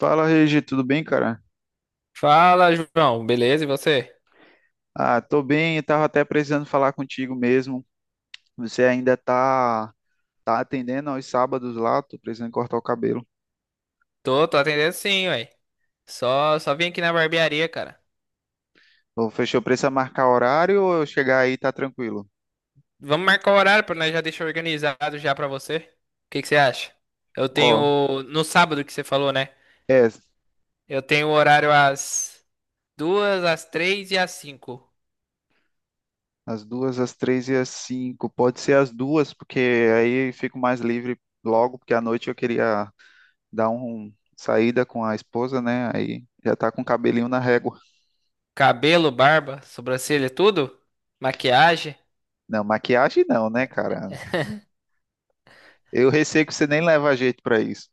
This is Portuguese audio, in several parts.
Fala, Regi, tudo bem, cara? Fala, João. Beleza? E você? Ah, tô bem, eu tava até precisando falar contigo mesmo. Você ainda tá atendendo aos sábados lá? Tô precisando cortar o cabelo. Tô atendendo sim, ué. Só vim aqui na barbearia, cara. Ou fechou, precisa marcar horário ou eu chegar aí tá tranquilo? Vamos marcar o horário pra nós já deixar organizado já pra você. O que que você acha? Eu Ó, tenho no sábado que você falou, né? é, Eu tenho o horário às duas, às três e às cinco. às duas, às três e às cinco. Pode ser às duas, porque aí eu fico mais livre logo, porque à noite eu queria dar um saída com a esposa, né? Aí já tá com o cabelinho na régua. Cabelo, barba, sobrancelha, tudo? Maquiagem? Não, maquiagem não, né, cara? Eu receio que você nem leva jeito pra isso.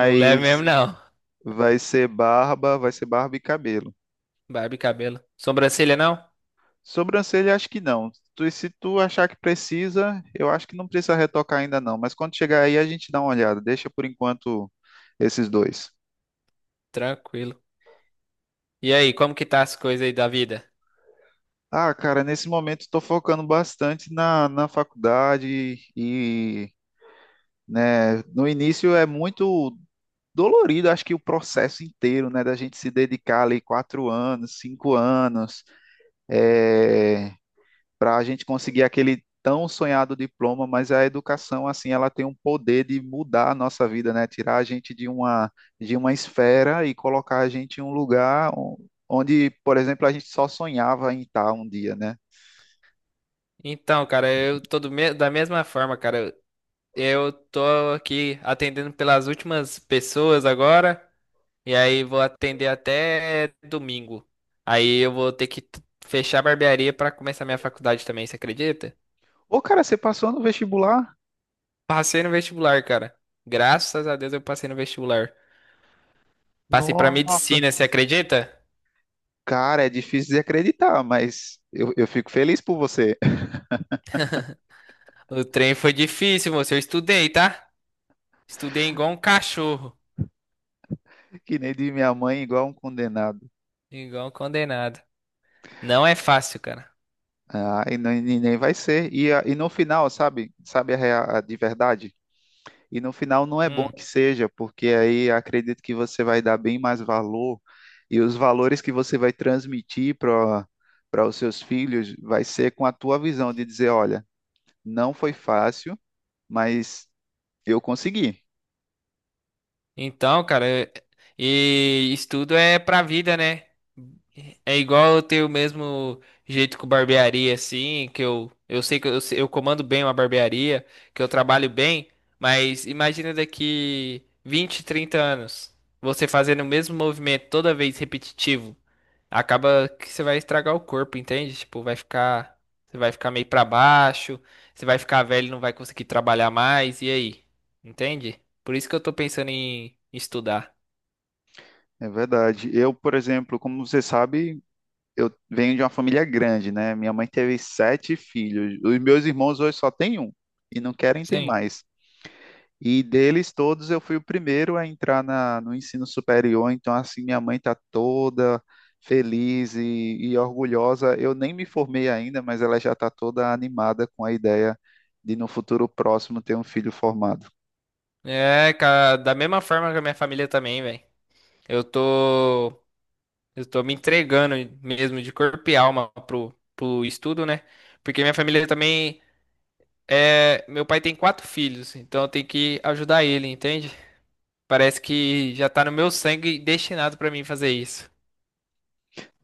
Não leve mesmo não. Vai ser barba e cabelo. Barba e cabelo. Sobrancelha não? Sobrancelha, acho que não. Se tu achar que precisa, eu acho que não precisa retocar ainda não, mas quando chegar aí a gente dá uma olhada. Deixa por enquanto esses dois. Tranquilo. E aí, como que tá as coisas aí da vida? Ah, cara, nesse momento estou focando bastante na faculdade e, né, no início é muito dolorido, acho que o processo inteiro, né, da gente se dedicar ali 4 anos, 5 anos, é, para a gente conseguir aquele tão sonhado diploma, mas a educação, assim, ela tem um poder de mudar a nossa vida, né? Tirar a gente de uma esfera e colocar a gente em um lugar onde, por exemplo, a gente só sonhava em estar um dia, né? Então, cara, eu tô da mesma forma, cara. Eu tô aqui atendendo pelas últimas pessoas agora, e aí vou atender até domingo. Aí eu vou ter que fechar a barbearia pra começar minha faculdade também, você acredita? Ô, cara, você passou no vestibular? Passei no vestibular, cara. Graças a Deus eu passei no vestibular. Passei pra Nossa, medicina, você acredita? cara, é difícil de acreditar, mas eu fico feliz por você. O trem foi difícil, moço. Eu estudei, tá? Estudei igual um cachorro, Que nem de minha mãe, igual um condenado. igual um condenado. Não é fácil, cara. Ah, e nem vai ser. E no final, sabe? Sabe a de verdade? E no final não é bom Hum. que seja, porque aí acredito que você vai dar bem mais valor e os valores que você vai transmitir para os seus filhos vai ser com a tua visão de dizer, olha, não foi fácil, mas eu consegui. Então, cara, e estudo é pra vida, né? É igual eu ter o mesmo jeito com barbearia, assim, que eu sei que eu, eu comando bem uma barbearia, que eu trabalho bem, mas imagina daqui 20 30 anos, você fazendo o mesmo movimento toda vez repetitivo acaba que você vai estragar o corpo, entende? Tipo, vai ficar, você vai ficar meio pra baixo, você vai ficar velho, e não vai conseguir trabalhar mais, e aí? Entende? Por isso que eu tô pensando em estudar. É verdade. Eu, por exemplo, como você sabe, eu venho de uma família grande, né? Minha mãe teve sete filhos. Os meus irmãos hoje só têm um e não querem ter Sim. mais. E deles todos eu fui o primeiro a entrar no ensino superior, então assim minha mãe está toda feliz e orgulhosa. Eu nem me formei ainda, mas ela já está toda animada com a ideia de no futuro próximo ter um filho formado. É, cara, da mesma forma que a minha família também, velho. Eu tô, eu tô me entregando mesmo de corpo e alma pro estudo, né? Porque minha família também é, meu pai tem quatro filhos, então eu tenho que ajudar ele, entende? Parece que já tá no meu sangue destinado pra mim fazer isso.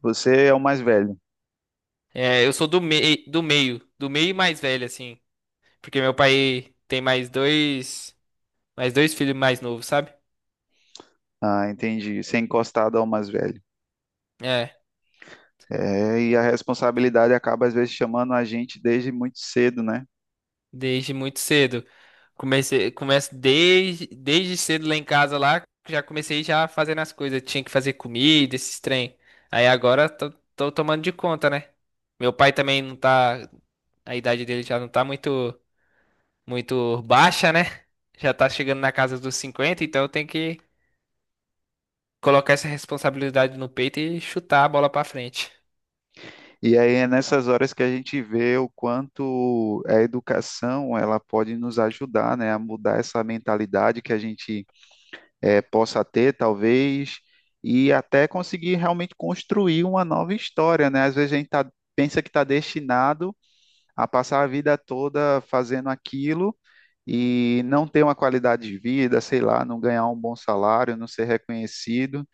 Você é o mais velho. É, eu sou do meio e mais velho, assim. Porque meu pai tem mais dois filhos mais novos, sabe? Ah, entendi. Ser encostado ao mais velho. É, É, e a responsabilidade acaba às vezes chamando a gente desde muito cedo, né? desde muito cedo. Começo desde cedo lá em casa lá, já comecei já fazendo as coisas. Tinha que fazer comida, esses trem. Aí agora tô tomando de conta, né? Meu pai também não tá, a idade dele já não tá muito muito baixa, né? Já tá chegando na casa dos 50, então eu tenho que colocar essa responsabilidade no peito e chutar a bola pra frente. E aí é nessas horas que a gente vê o quanto a educação ela pode nos ajudar, né, a mudar essa mentalidade que a gente possa ter, talvez, e até conseguir realmente construir uma nova história, né? Às vezes a gente pensa que está destinado a passar a vida toda fazendo aquilo e não ter uma qualidade de vida, sei lá, não ganhar um bom salário, não ser reconhecido.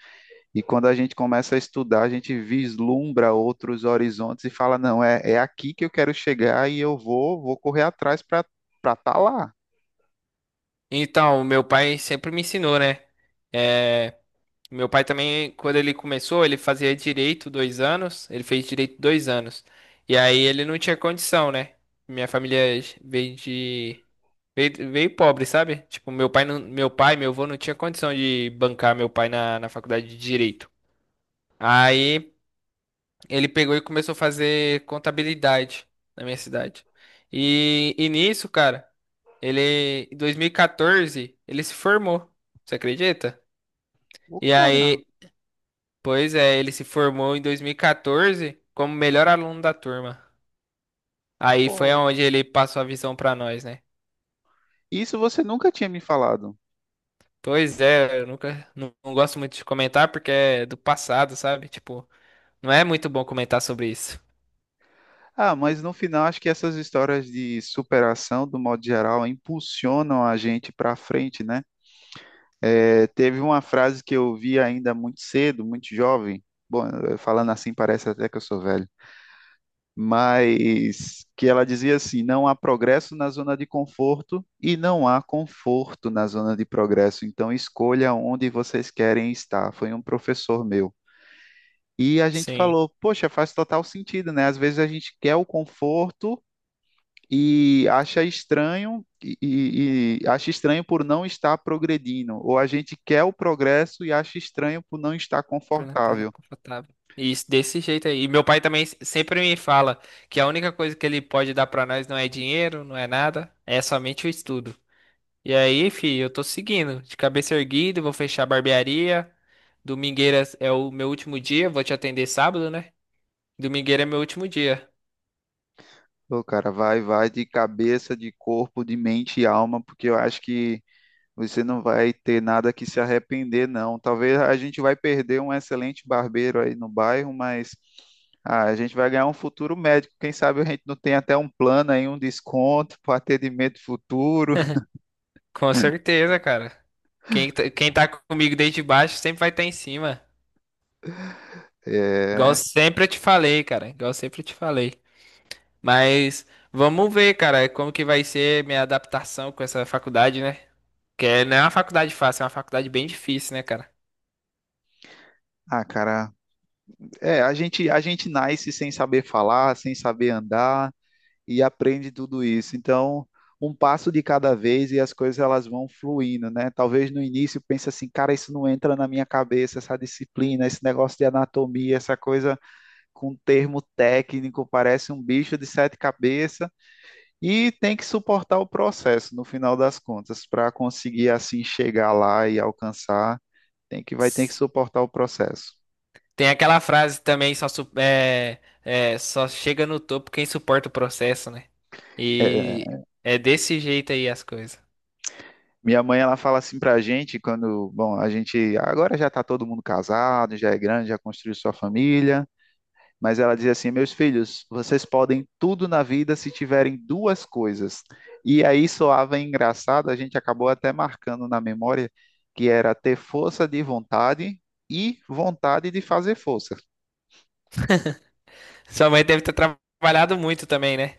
E quando a gente começa a estudar, a gente vislumbra outros horizontes e fala, não, é aqui que eu quero chegar e eu vou correr atrás para estar lá. Então, meu pai sempre me ensinou, né? É, meu pai também, quando ele começou, ele fazia direito dois anos, ele fez direito dois anos. E aí ele não tinha condição, né? Minha família veio de. veio pobre, sabe? Tipo, meu pai, não, meu pai, meu avô não tinha condição de bancar meu pai na faculdade de direito. Aí ele pegou e começou a fazer contabilidade na minha cidade. E nisso, cara, ele, em 2014, ele se formou. Você acredita? Ô, E cara, aí, pois é, ele se formou em 2014 como melhor aluno da turma. Aí foi pô, onde ele passou a visão pra nós, né? isso você nunca tinha me falado. Pois é, eu nunca, não gosto muito de comentar porque é do passado, sabe? Tipo, não é muito bom comentar sobre isso. Ah, mas no final acho que essas histórias de superação, do modo geral, impulsionam a gente para frente, né? É, teve uma frase que eu vi ainda muito cedo, muito jovem. Bom, falando assim parece até que eu sou velho, mas que ela dizia assim: não há progresso na zona de conforto e não há conforto na zona de progresso, então escolha onde vocês querem estar. Foi um professor meu. E a gente Sim. falou: poxa, faz total sentido, né? Às vezes a gente quer o conforto e acha estranho e acha estranho por não estar progredindo, ou a gente quer o progresso e acha estranho por não estar Pernatana confortável. confortável. Isso, desse jeito aí. E meu pai também sempre me fala que a única coisa que ele pode dar pra nós não é dinheiro, não é nada, é somente o estudo. E aí, filho, eu tô seguindo, de cabeça erguida, vou fechar a barbearia. Domingueiras é o meu último dia, vou te atender sábado, né? Domingueira é meu último dia. Pô, cara, vai de cabeça, de corpo, de mente e alma, porque eu acho que você não vai ter nada que se arrepender, não. Talvez a gente vai perder um excelente barbeiro aí no bairro, mas ah, a gente vai ganhar um futuro médico. Quem sabe a gente não tem até um plano aí, um desconto para atendimento futuro. Com certeza, cara. Quem tá comigo desde baixo sempre vai estar em cima. Igual É, sempre eu te falei, cara. Igual sempre eu te falei. Mas vamos ver, cara, como que vai ser minha adaptação com essa faculdade, né? Porque não é uma faculdade fácil, é uma faculdade bem difícil, né, cara? ah, cara, a gente nasce sem saber falar, sem saber andar, e aprende tudo isso. Então, um passo de cada vez e as coisas elas vão fluindo, né? Talvez no início pense assim, cara, isso não entra na minha cabeça, essa disciplina, esse negócio de anatomia, essa coisa com termo técnico, parece um bicho de sete cabeças e tem que suportar o processo no final das contas para conseguir assim chegar lá e alcançar, tem que vai ter que suportar o processo. Tem aquela frase também, só, su- é, é, só chega no topo quem suporta o processo, né? E é desse jeito aí as coisas. Minha mãe, ela fala assim pra gente quando, bom, a gente agora já tá todo mundo casado, já é grande, já construiu sua família, mas ela diz assim: "Meus filhos, vocês podem tudo na vida se tiverem duas coisas". E aí soava engraçado, a gente acabou até marcando na memória que era ter força de vontade e vontade de fazer força. Sua mãe deve ter trabalhado muito também, né?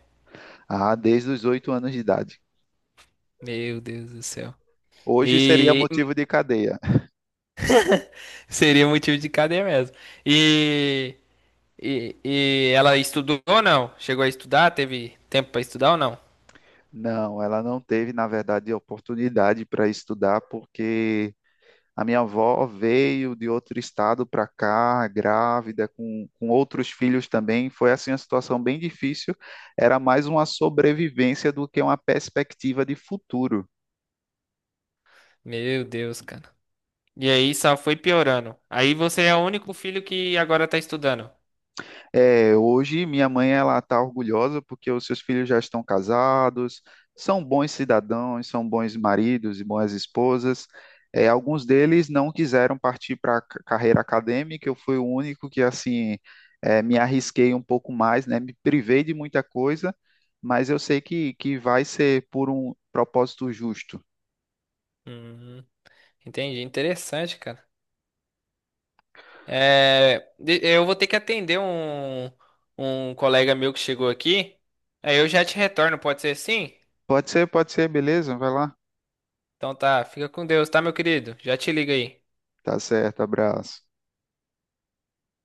Ah, desde os 8 anos de idade. Meu Deus do céu. Hoje seria E motivo de cadeia. seria motivo de cadeia mesmo. E, e ela estudou ou não? Chegou a estudar? Teve tempo pra estudar ou não? Não, ela não teve, na verdade, oportunidade para estudar porque a minha avó veio de outro estado para cá, grávida, com outros filhos também. Foi assim uma situação bem difícil. Era mais uma sobrevivência do que uma perspectiva de futuro. Meu Deus, cara. E aí só foi piorando. Aí você é o único filho que agora tá estudando. É, hoje minha mãe ela está orgulhosa porque os seus filhos já estão casados, são bons cidadãos, são bons maridos e boas esposas. É, alguns deles não quiseram partir para a carreira acadêmica, eu fui o único que assim me arrisquei um pouco mais, né? Me privei de muita coisa, mas eu sei que vai ser por um propósito justo. Hum, entendi. Interessante, cara. É, eu vou ter que atender um, colega meu que chegou aqui. Aí eu já te retorno, pode ser sim? Pode ser, beleza? Vai lá. Então tá, fica com Deus, tá, meu querido? Já te liga aí. Tá certo, abraço.